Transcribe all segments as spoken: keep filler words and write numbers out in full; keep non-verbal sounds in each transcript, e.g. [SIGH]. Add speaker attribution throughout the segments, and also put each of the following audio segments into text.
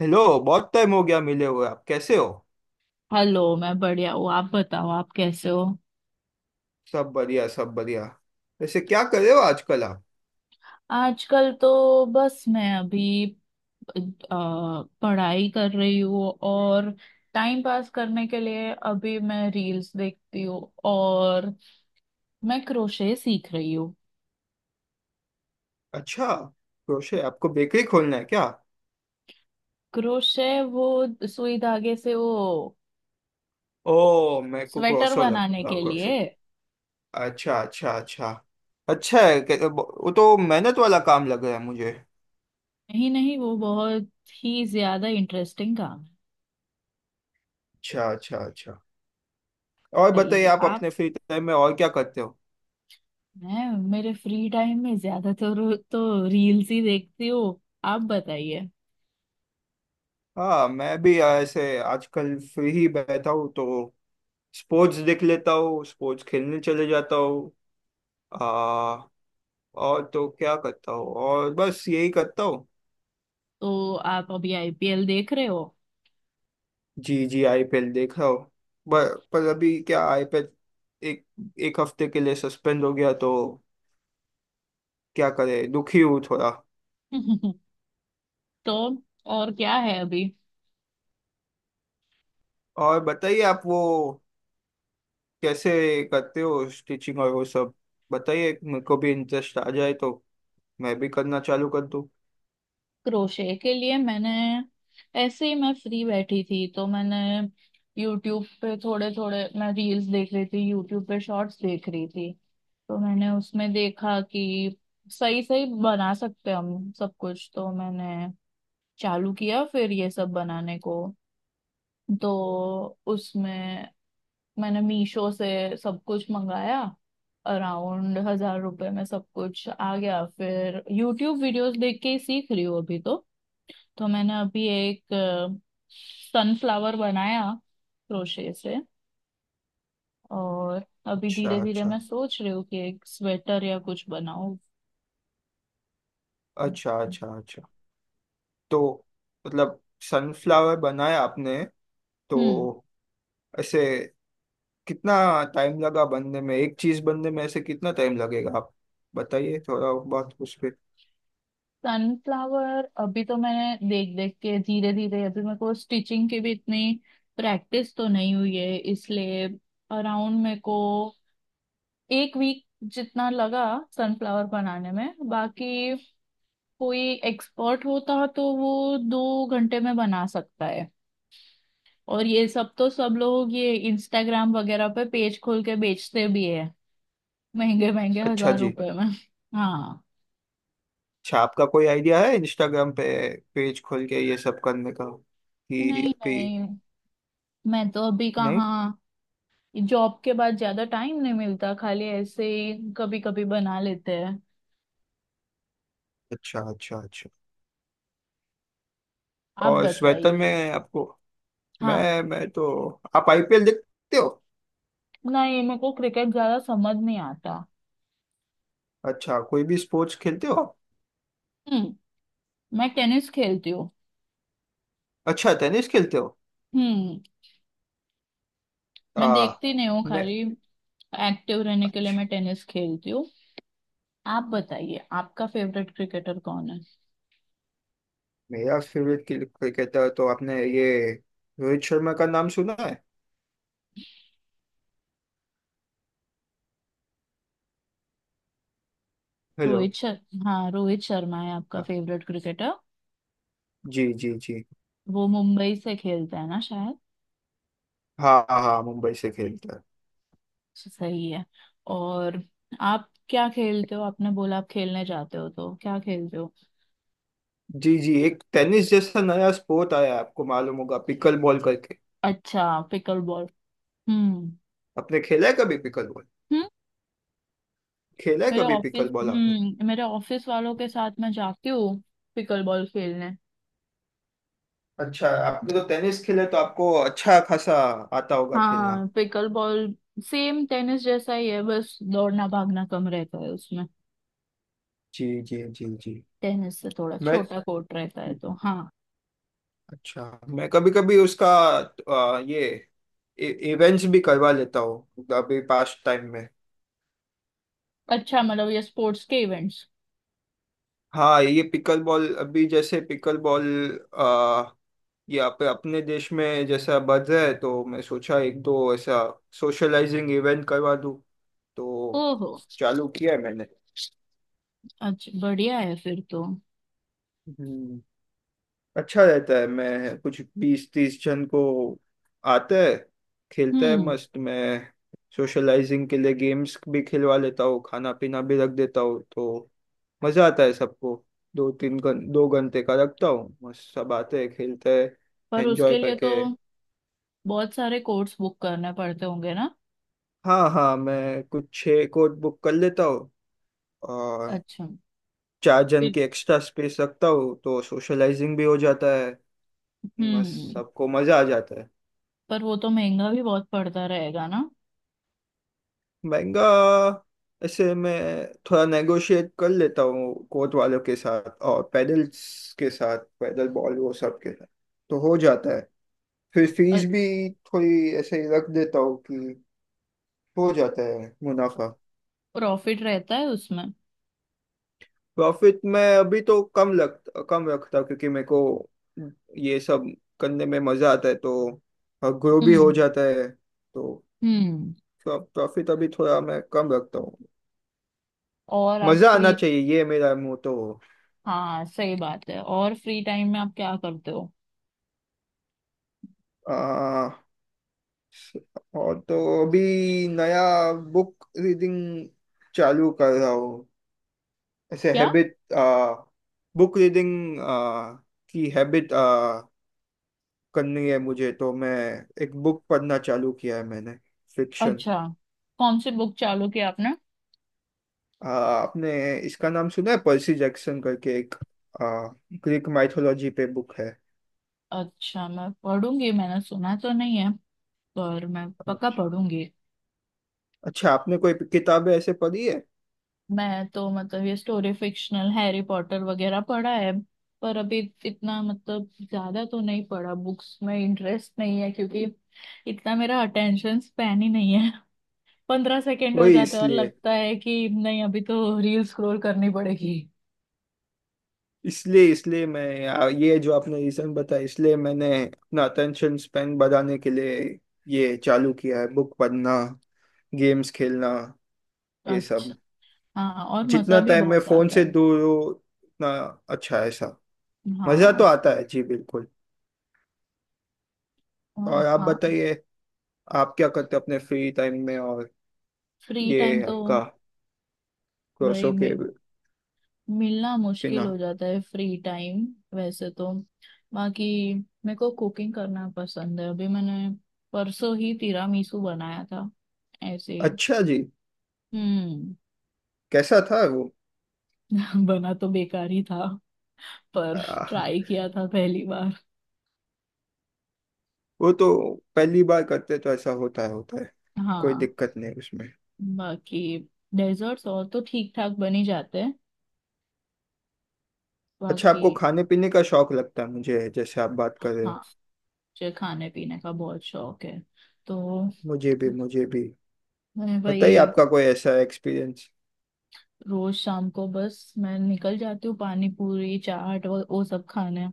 Speaker 1: Hello, बहुत time हो गया मिले हुए। आप कैसे हो?
Speaker 2: हेलो, मैं बढ़िया हूँ। आप बताओ आप कैसे हो।
Speaker 1: सब बढ़िया, सब बढ़िया। वैसे क्या कर रहे हो आजकल आप?
Speaker 2: आजकल तो बस मैं अभी अ, पढ़ाई कर रही हूँ, और टाइम पास करने के लिए अभी मैं रील्स देखती हूँ। और मैं क्रोशे सीख रही हूँ।
Speaker 1: अच्छा। क्रोशे? आपको बेकरी खोलना है क्या?
Speaker 2: क्रोशे, वो सुई धागे से वो
Speaker 1: ओ, मेरे को
Speaker 2: स्वेटर
Speaker 1: क्रोशो
Speaker 2: बनाने
Speaker 1: लगा।
Speaker 2: के लिए।
Speaker 1: अच्छा, अच्छा, अच्छा। अच्छा है कि- वो तो मेहनत वाला काम लग रहा है मुझे।
Speaker 2: नहीं नहीं, वो बहुत ही ज्यादा इंटरेस्टिंग काम है।
Speaker 1: अच्छा, अच्छा, अच्छा। और बताइए,
Speaker 2: बताइए।
Speaker 1: आप अपने फ्री टाइम में और क्या करते हो?
Speaker 2: मैं मेरे फ्री टाइम में ज्यादातर तो रील्स ही देखती हूँ। आप बताइए।
Speaker 1: हाँ, मैं भी ऐसे आजकल फ्री ही बैठा हूँ, तो स्पोर्ट्स देख लेता हूँ, स्पोर्ट्स खेलने चले जाता हूँ। आ, और तो क्या करता हूँ, और बस यही करता हूँ।
Speaker 2: तो आप अभी आईपीएल देख रहे हो?
Speaker 1: जी जी, आईपीएल देख रहा हूँ। पर, पर अभी क्या, आईपीएल एक एक हफ्ते के लिए सस्पेंड हो गया, तो क्या करे, दुखी हूँ थोड़ा।
Speaker 2: [LAUGHS] तो और क्या है अभी?
Speaker 1: और बताइए, आप वो कैसे करते हो स्टिचिंग और वो सब? बताइए, मेरे को भी इंटरेस्ट आ जाए तो मैं भी करना चालू कर दूं।
Speaker 2: क्रोशे के लिए मैंने, ऐसे ही मैं फ्री बैठी थी तो मैंने यूट्यूब पे थोड़े थोड़े मैं रील्स देख रही थी, यूट्यूब पे शॉर्ट्स देख रही थी। तो मैंने उसमें देखा कि सही सही बना सकते हैं हम सब कुछ, तो मैंने चालू किया फिर ये सब बनाने को। तो उसमें मैंने मीशो से सब कुछ मंगाया, अराउंड हजार रुपए में सब कुछ आ गया, फिर यूट्यूब वीडियोस देख के ही सीख रही हूँ अभी तो। तो मैंने अभी एक सनफ्लावर बनाया क्रोशे से। और अभी
Speaker 1: अच्छा,
Speaker 2: धीरे धीरे
Speaker 1: अच्छा,
Speaker 2: मैं सोच रही हूँ कि एक स्वेटर या कुछ बनाऊं।
Speaker 1: अच्छा। अच्छा, अच्छा। तो मतलब, सनफ्लावर बनाया आपने, तो
Speaker 2: हम्म।
Speaker 1: ऐसे कितना टाइम लगा बनने में? एक चीज बनने में ऐसे कितना टाइम लगेगा, आप बताइए थोड़ा बहुत उस पे।
Speaker 2: सनफ्लावर अभी तो मैंने देख देख के धीरे धीरे, अभी मेरे को स्टिचिंग की भी इतनी प्रैक्टिस तो नहीं हुई है, इसलिए अराउंड मेरे को एक वीक जितना लगा सनफ्लावर बनाने में। बाकी कोई एक्सपर्ट होता तो वो दो घंटे में बना सकता है। और ये सब तो सब लोग ये इंस्टाग्राम वगैरह पे पेज खोल के बेचते भी है, महंगे महंगे
Speaker 1: अच्छा
Speaker 2: हजार
Speaker 1: जी।
Speaker 2: रुपए में। हाँ।
Speaker 1: अच्छा, आपका कोई आइडिया है इंस्टाग्राम पे पेज खोल के ये सब करने का, कि
Speaker 2: नहीं
Speaker 1: अभी?
Speaker 2: नहीं, मैं तो अभी
Speaker 1: नहीं।
Speaker 2: कहाँ। जॉब के बाद ज्यादा टाइम नहीं मिलता, खाली ऐसे ही कभी कभी बना लेते हैं।
Speaker 1: अच्छा, अच्छा, अच्छा।
Speaker 2: आप
Speaker 1: और स्वेटर
Speaker 2: बताइए।
Speaker 1: में आपको...
Speaker 2: हाँ।
Speaker 1: मैं मैं तो, आप आईपीएल देखते हो?
Speaker 2: ना, ये मेरे को क्रिकेट ज्यादा समझ नहीं आता।
Speaker 1: अच्छा, कोई भी स्पोर्ट्स खेलते हो आप?
Speaker 2: हम्म। मैं टेनिस खेलती हूँ।
Speaker 1: अच्छा, टेनिस खेलते हो।
Speaker 2: हम्म। मैं
Speaker 1: आ,
Speaker 2: देखती नहीं हूँ,
Speaker 1: मैं...
Speaker 2: खाली एक्टिव रहने के लिए
Speaker 1: अच्छा।
Speaker 2: मैं टेनिस खेलती हूँ। आप बताइए, आपका फेवरेट क्रिकेटर कौन है?
Speaker 1: मेरा फेवरेट क्रिकेटर तो, आपने ये रोहित शर्मा का नाम सुना है? हेलो?
Speaker 2: रोहित शर्मा। हाँ, रोहित शर्मा है आपका
Speaker 1: हाँ,
Speaker 2: फेवरेट क्रिकेटर।
Speaker 1: जी जी जी।
Speaker 2: वो मुंबई से खेलता है ना शायद।
Speaker 1: हाँ हाँ हाँ, मुंबई से खेलता है।
Speaker 2: सही है। और आप क्या खेलते हो? आपने बोला आप खेलने जाते हो, तो क्या खेलते हो?
Speaker 1: जी जी, एक टेनिस जैसा नया स्पोर्ट आया है, आपको मालूम होगा, पिकल बॉल करके।
Speaker 2: अच्छा, पिकल बॉल। हम्म।
Speaker 1: आपने खेला है कभी पिकल बॉल?
Speaker 2: हम्म।
Speaker 1: खेला है
Speaker 2: मेरे
Speaker 1: कभी
Speaker 2: ऑफिस
Speaker 1: पिकल बॉल?
Speaker 2: हम्म मेरे ऑफिस वालों के साथ मैं जाती हूँ पिकल बॉल खेलने।
Speaker 1: अच्छा, आपने तो टेनिस खेले तो आपको अच्छा खासा आता होगा खेलना।
Speaker 2: हाँ, पिकल बॉल सेम टेनिस जैसा ही है, बस दौड़ना भागना कम रहता है उसमें।
Speaker 1: जी जी जी जी।
Speaker 2: टेनिस से थोड़ा
Speaker 1: मैं...
Speaker 2: छोटा कोर्ट रहता है, तो हाँ।
Speaker 1: अच्छा, मैं कभी कभी उसका आ, ये इवेंट्स भी करवा लेता हूँ अभी पास टाइम में।
Speaker 2: अच्छा, मतलब ये स्पोर्ट्स के इवेंट्स।
Speaker 1: हाँ, ये पिकल बॉल, अभी जैसे पिकल बॉल, आ, ये आप अपने देश में जैसा बढ़ रहा है, तो मैं सोचा एक दो ऐसा सोशलाइजिंग इवेंट करवा दूँ, तो
Speaker 2: ओहो।
Speaker 1: चालू किया है मैंने।
Speaker 2: अच्छा, बढ़िया है फिर तो।
Speaker 1: हम्म। अच्छा रहता है, मैं कुछ बीस तीस जन को आते हैं, खेलते हैं
Speaker 2: हम्म।
Speaker 1: मस्त। मैं सोशलाइजिंग के लिए गेम्स भी खिलवा लेता हूँ, खाना पीना भी रख देता हूँ, तो मज़ा आता है सबको। दो तीन घं दो घंटे का रखता हूँ, मस्त सब आते हैं, खेलते हैं,
Speaker 2: पर
Speaker 1: एंजॉय
Speaker 2: उसके लिए तो
Speaker 1: करके।
Speaker 2: बहुत सारे कोर्स बुक करने पड़ते होंगे ना।
Speaker 1: हाँ हाँ, मैं कुछ छः कोड बुक कर लेता हूँ और
Speaker 2: अच्छा।
Speaker 1: चार जन
Speaker 2: फिर-
Speaker 1: की एक्स्ट्रा स्पेस रखता हूँ, तो सोशलाइजिंग भी हो जाता है, मस्त
Speaker 2: हम्म।
Speaker 1: सबको मज़ा आ जाता है।
Speaker 2: पर वो तो महंगा भी बहुत पड़ता रहेगा ना।
Speaker 1: महंगा? ऐसे मैं थोड़ा नेगोशिएट कर लेता हूँ कोर्ट वालों के साथ और पैडल्स के साथ, पैडल बॉल, वो सब के साथ, तो हो जाता है। फिर फीस भी थोड़ी ऐसे ही रख देता हूँ, कि हो जाता है मुनाफा।
Speaker 2: प्रॉफिट रहता है उसमें।
Speaker 1: प्रॉफिट, मैं अभी तो कम लग कम रखता हूँ, क्योंकि मेरे को ये सब करने में मज़ा आता है, तो ग्रो भी हो
Speaker 2: हम्म।
Speaker 1: जाता है, तो
Speaker 2: हम्म।
Speaker 1: प्रॉफिट अभी थोड़ा मैं कम रखता हूँ।
Speaker 2: और आप
Speaker 1: मज़ा आना
Speaker 2: फ्री।
Speaker 1: चाहिए, ये मेरा मोटो।
Speaker 2: हाँ, सही बात है, और फ्री टाइम में आप क्या करते हो?
Speaker 1: आ, और तो अभी नया बुक रीडिंग चालू कर रहा हूँ, ऐसे
Speaker 2: क्या?
Speaker 1: हैबिट। बुक रीडिंग की हैबिट करनी है मुझे, तो मैं एक बुक पढ़ना चालू किया है मैंने, फिक्शन।
Speaker 2: अच्छा, कौन सी बुक चालू की आपने?
Speaker 1: आपने इसका नाम सुना है, पर्सी जैक्सन करके? एक ग्रीक माइथोलॉजी पे बुक है।
Speaker 2: अच्छा, मैं पढ़ूंगी, मैंने सुना तो नहीं है पर मैं पक्का
Speaker 1: अच्छा।
Speaker 2: पढ़ूंगी।
Speaker 1: अच्छा, आपने कोई किताबें ऐसे पढ़ी है?
Speaker 2: मैं तो मतलब ये स्टोरी फिक्शनल हैरी पॉटर वगैरह पढ़ा है, पर अभी इतना मतलब ज्यादा तो नहीं पढ़ा, बुक्स में इंटरेस्ट नहीं है क्योंकि इतना मेरा अटेंशन स्पैन ही नहीं है। [LAUGHS] पंद्रह सेकेंड हो
Speaker 1: वही,
Speaker 2: जाते हैं और
Speaker 1: इसलिए
Speaker 2: लगता है कि नहीं, अभी तो रील स्क्रॉल करनी पड़ेगी।
Speaker 1: इसलिए इसलिए मैं, आ, ये जो आपने रीजन बताया, इसलिए मैंने अपना अटेंशन स्पेन बढ़ाने के लिए ये चालू किया है, बुक पढ़ना, गेम्स खेलना, ये
Speaker 2: अच्छा।
Speaker 1: सब।
Speaker 2: हाँ, और
Speaker 1: जितना
Speaker 2: मजा भी
Speaker 1: टाइम मैं
Speaker 2: बहुत
Speaker 1: फोन
Speaker 2: आता
Speaker 1: से
Speaker 2: है।
Speaker 1: दूर हूँ, उतना अच्छा है सब। मजा
Speaker 2: हाँ।
Speaker 1: तो आता है जी, बिल्कुल। और आप
Speaker 2: हाँ।
Speaker 1: बताइए, आप क्या करते हो अपने फ्री टाइम में, और
Speaker 2: फ्री टाइम
Speaker 1: ये
Speaker 2: तो
Speaker 1: आपका
Speaker 2: वही
Speaker 1: कोर्सों के
Speaker 2: मे- मिलना
Speaker 1: बिना?
Speaker 2: मुश्किल हो जाता है फ्री टाइम। वैसे तो बाकी मेरे को कुकिंग करना पसंद है, अभी मैंने परसों ही तिरामिसू बनाया था ऐसे ही।
Speaker 1: अच्छा जी।
Speaker 2: हम्म।
Speaker 1: कैसा था वो?
Speaker 2: [LAUGHS] बना तो बेकार ही था, पर
Speaker 1: आ,
Speaker 2: ट्राई किया था पहली बार।
Speaker 1: वो तो पहली बार करते तो ऐसा होता है, होता है। कोई
Speaker 2: हाँ,
Speaker 1: दिक्कत नहीं उसमें।
Speaker 2: बाकी डेजर्ट्स और तो ठीक ठाक बन ही जाते हैं।
Speaker 1: अच्छा,
Speaker 2: बाकी।
Speaker 1: आपको खाने पीने का शौक लगता है, मुझे जैसे आप बात कर रहे
Speaker 2: हाँ,
Speaker 1: हो।
Speaker 2: मुझे खाने पीने का बहुत शौक है। तो
Speaker 1: मुझे भी, मुझे भी।
Speaker 2: मैं
Speaker 1: बताइए,
Speaker 2: वही
Speaker 1: आपका कोई ऐसा एक्सपीरियंस?
Speaker 2: रोज शाम को बस मैं निकल जाती हूँ, पानी पूरी चाट वो, वो सब खाने।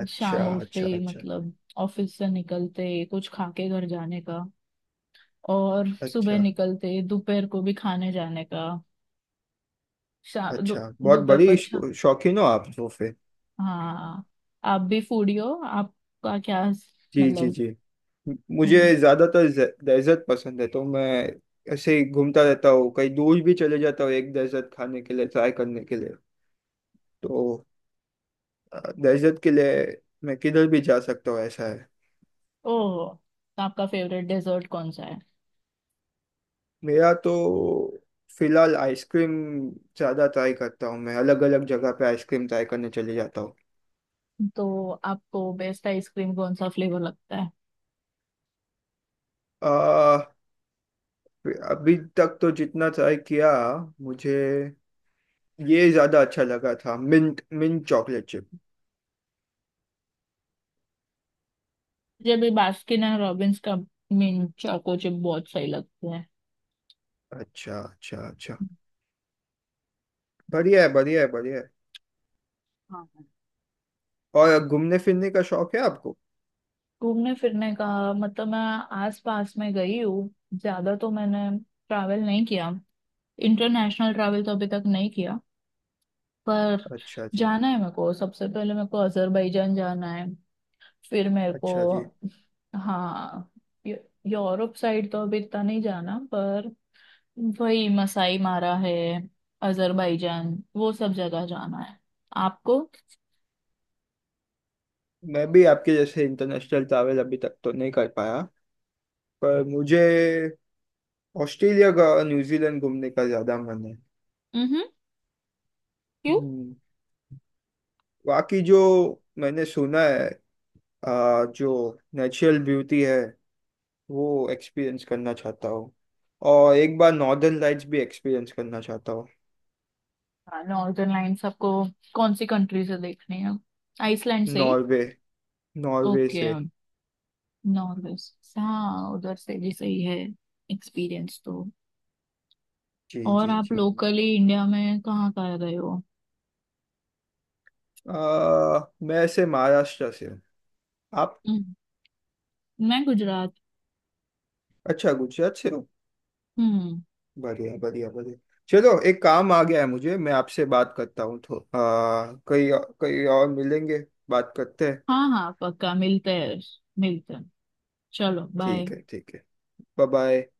Speaker 1: अच्छा,
Speaker 2: शाम उठते
Speaker 1: अच्छा,
Speaker 2: ही
Speaker 1: अच्छा।
Speaker 2: मतलब ऑफिस से निकलते ही कुछ खा के घर जाने का, और सुबह
Speaker 1: अच्छा,
Speaker 2: निकलते ही दोपहर को भी खाने जाने का। शा
Speaker 1: अच्छा,
Speaker 2: दो-
Speaker 1: बहुत
Speaker 2: दोपहर को।
Speaker 1: बड़ी
Speaker 2: अच्छा।
Speaker 1: शौ- शौकीन हो आप सोफे।
Speaker 2: हाँ। आप भी फूडी हो? आपका क्या
Speaker 1: जी जी
Speaker 2: मतलब?
Speaker 1: जी। म-
Speaker 2: हम्म।
Speaker 1: मुझे ज्यादातर डेजर्ट पसंद है, तो मैं ऐसे ही घूमता रहता हूँ, कहीं दूर भी चले जाता हूँ एक डेजर्ट खाने के लिए, ट्राई करने के लिए। तो डेजर्ट के लिए मैं किधर भी जा सकता हूँ, ऐसा है।
Speaker 2: ओह, तो आपका फेवरेट डेजर्ट कौन सा है?
Speaker 1: मेरा तो फिलहाल आइसक्रीम ज़्यादा ट्राई करता हूँ, मैं अलग अलग जगह पे आइसक्रीम ट्राई करने चले जाता हूँ।
Speaker 2: तो आपको बेस्ट आइसक्रीम कौन सा फ्लेवर लगता है?
Speaker 1: आ, अभी तक तो जितना ट्राई किया, मुझे ये ज़्यादा अच्छा लगा था, मिंट मिंट चॉकलेट चिप।
Speaker 2: मुझे भी बास्किन एंड रॉबिन्स का मिंट चोको चिप बहुत सही लगते हैं।
Speaker 1: अच्छा, अच्छा, अच्छा, बढ़िया है, बढ़िया है, बढ़िया है।
Speaker 2: हाँ।
Speaker 1: और घूमने फिरने का शौक है आपको?
Speaker 2: घूमने फिरने का मतलब मैं आस पास में गई हूँ, ज्यादा तो मैंने ट्रैवल नहीं किया, इंटरनेशनल ट्रैवल तो अभी तक नहीं किया। पर
Speaker 1: अच्छा जी।
Speaker 2: जाना है मेरे को, सबसे पहले मेरे को अजरबैजान जाना है, फिर मेरे को।
Speaker 1: अच्छा जी,
Speaker 2: हाँ। यू- यूरोप साइड तो अभी इतना नहीं जाना, पर वही मसाई मारा है, अजरबैजान वो सब जगह जाना है आपको।
Speaker 1: मैं भी आपके जैसे इंटरनेशनल ट्रैवल अभी तक तो नहीं कर पाया, पर मुझे ऑस्ट्रेलिया का, न्यूजीलैंड घूमने का ज़्यादा मन है।
Speaker 2: क्यों?
Speaker 1: हम्म। बाकी जो मैंने सुना है, आ, जो नेचुरल ब्यूटी है, वो एक्सपीरियंस करना चाहता हूँ। और एक बार नॉर्दर्न लाइट्स भी एक्सपीरियंस करना चाहता हूँ।
Speaker 2: हाँ, नॉर्दर्न लाइन्स आपको कौन सी कंट्री से देखनी है? आइसलैंड से ही?
Speaker 1: नॉर्वे नॉर्वे
Speaker 2: ओके,
Speaker 1: से।
Speaker 2: नॉर्वे से, हाँ उधर से भी सही है एक्सपीरियंस तो।
Speaker 1: जी
Speaker 2: और
Speaker 1: जी
Speaker 2: आप
Speaker 1: जी।
Speaker 2: लोकली इंडिया में कहाँ कहाँ गए हो?
Speaker 1: आ, मैं से महाराष्ट्र से हूँ। आप?
Speaker 2: हम्म, मैं गुजरात।
Speaker 1: अच्छा, गुजरात से हो।
Speaker 2: हम्म।
Speaker 1: बढ़िया, बढ़िया, बढ़िया। चलो, एक काम आ गया है मुझे, मैं आपसे बात करता हूँ तो, आ, कहीं कहीं और मिलेंगे, बात करते हैं।
Speaker 2: हाँ हाँ, पक्का मिलते हैं। मिलते हैं। चलो,
Speaker 1: ठीक
Speaker 2: बाय।
Speaker 1: है, ठीक है। Bye bye.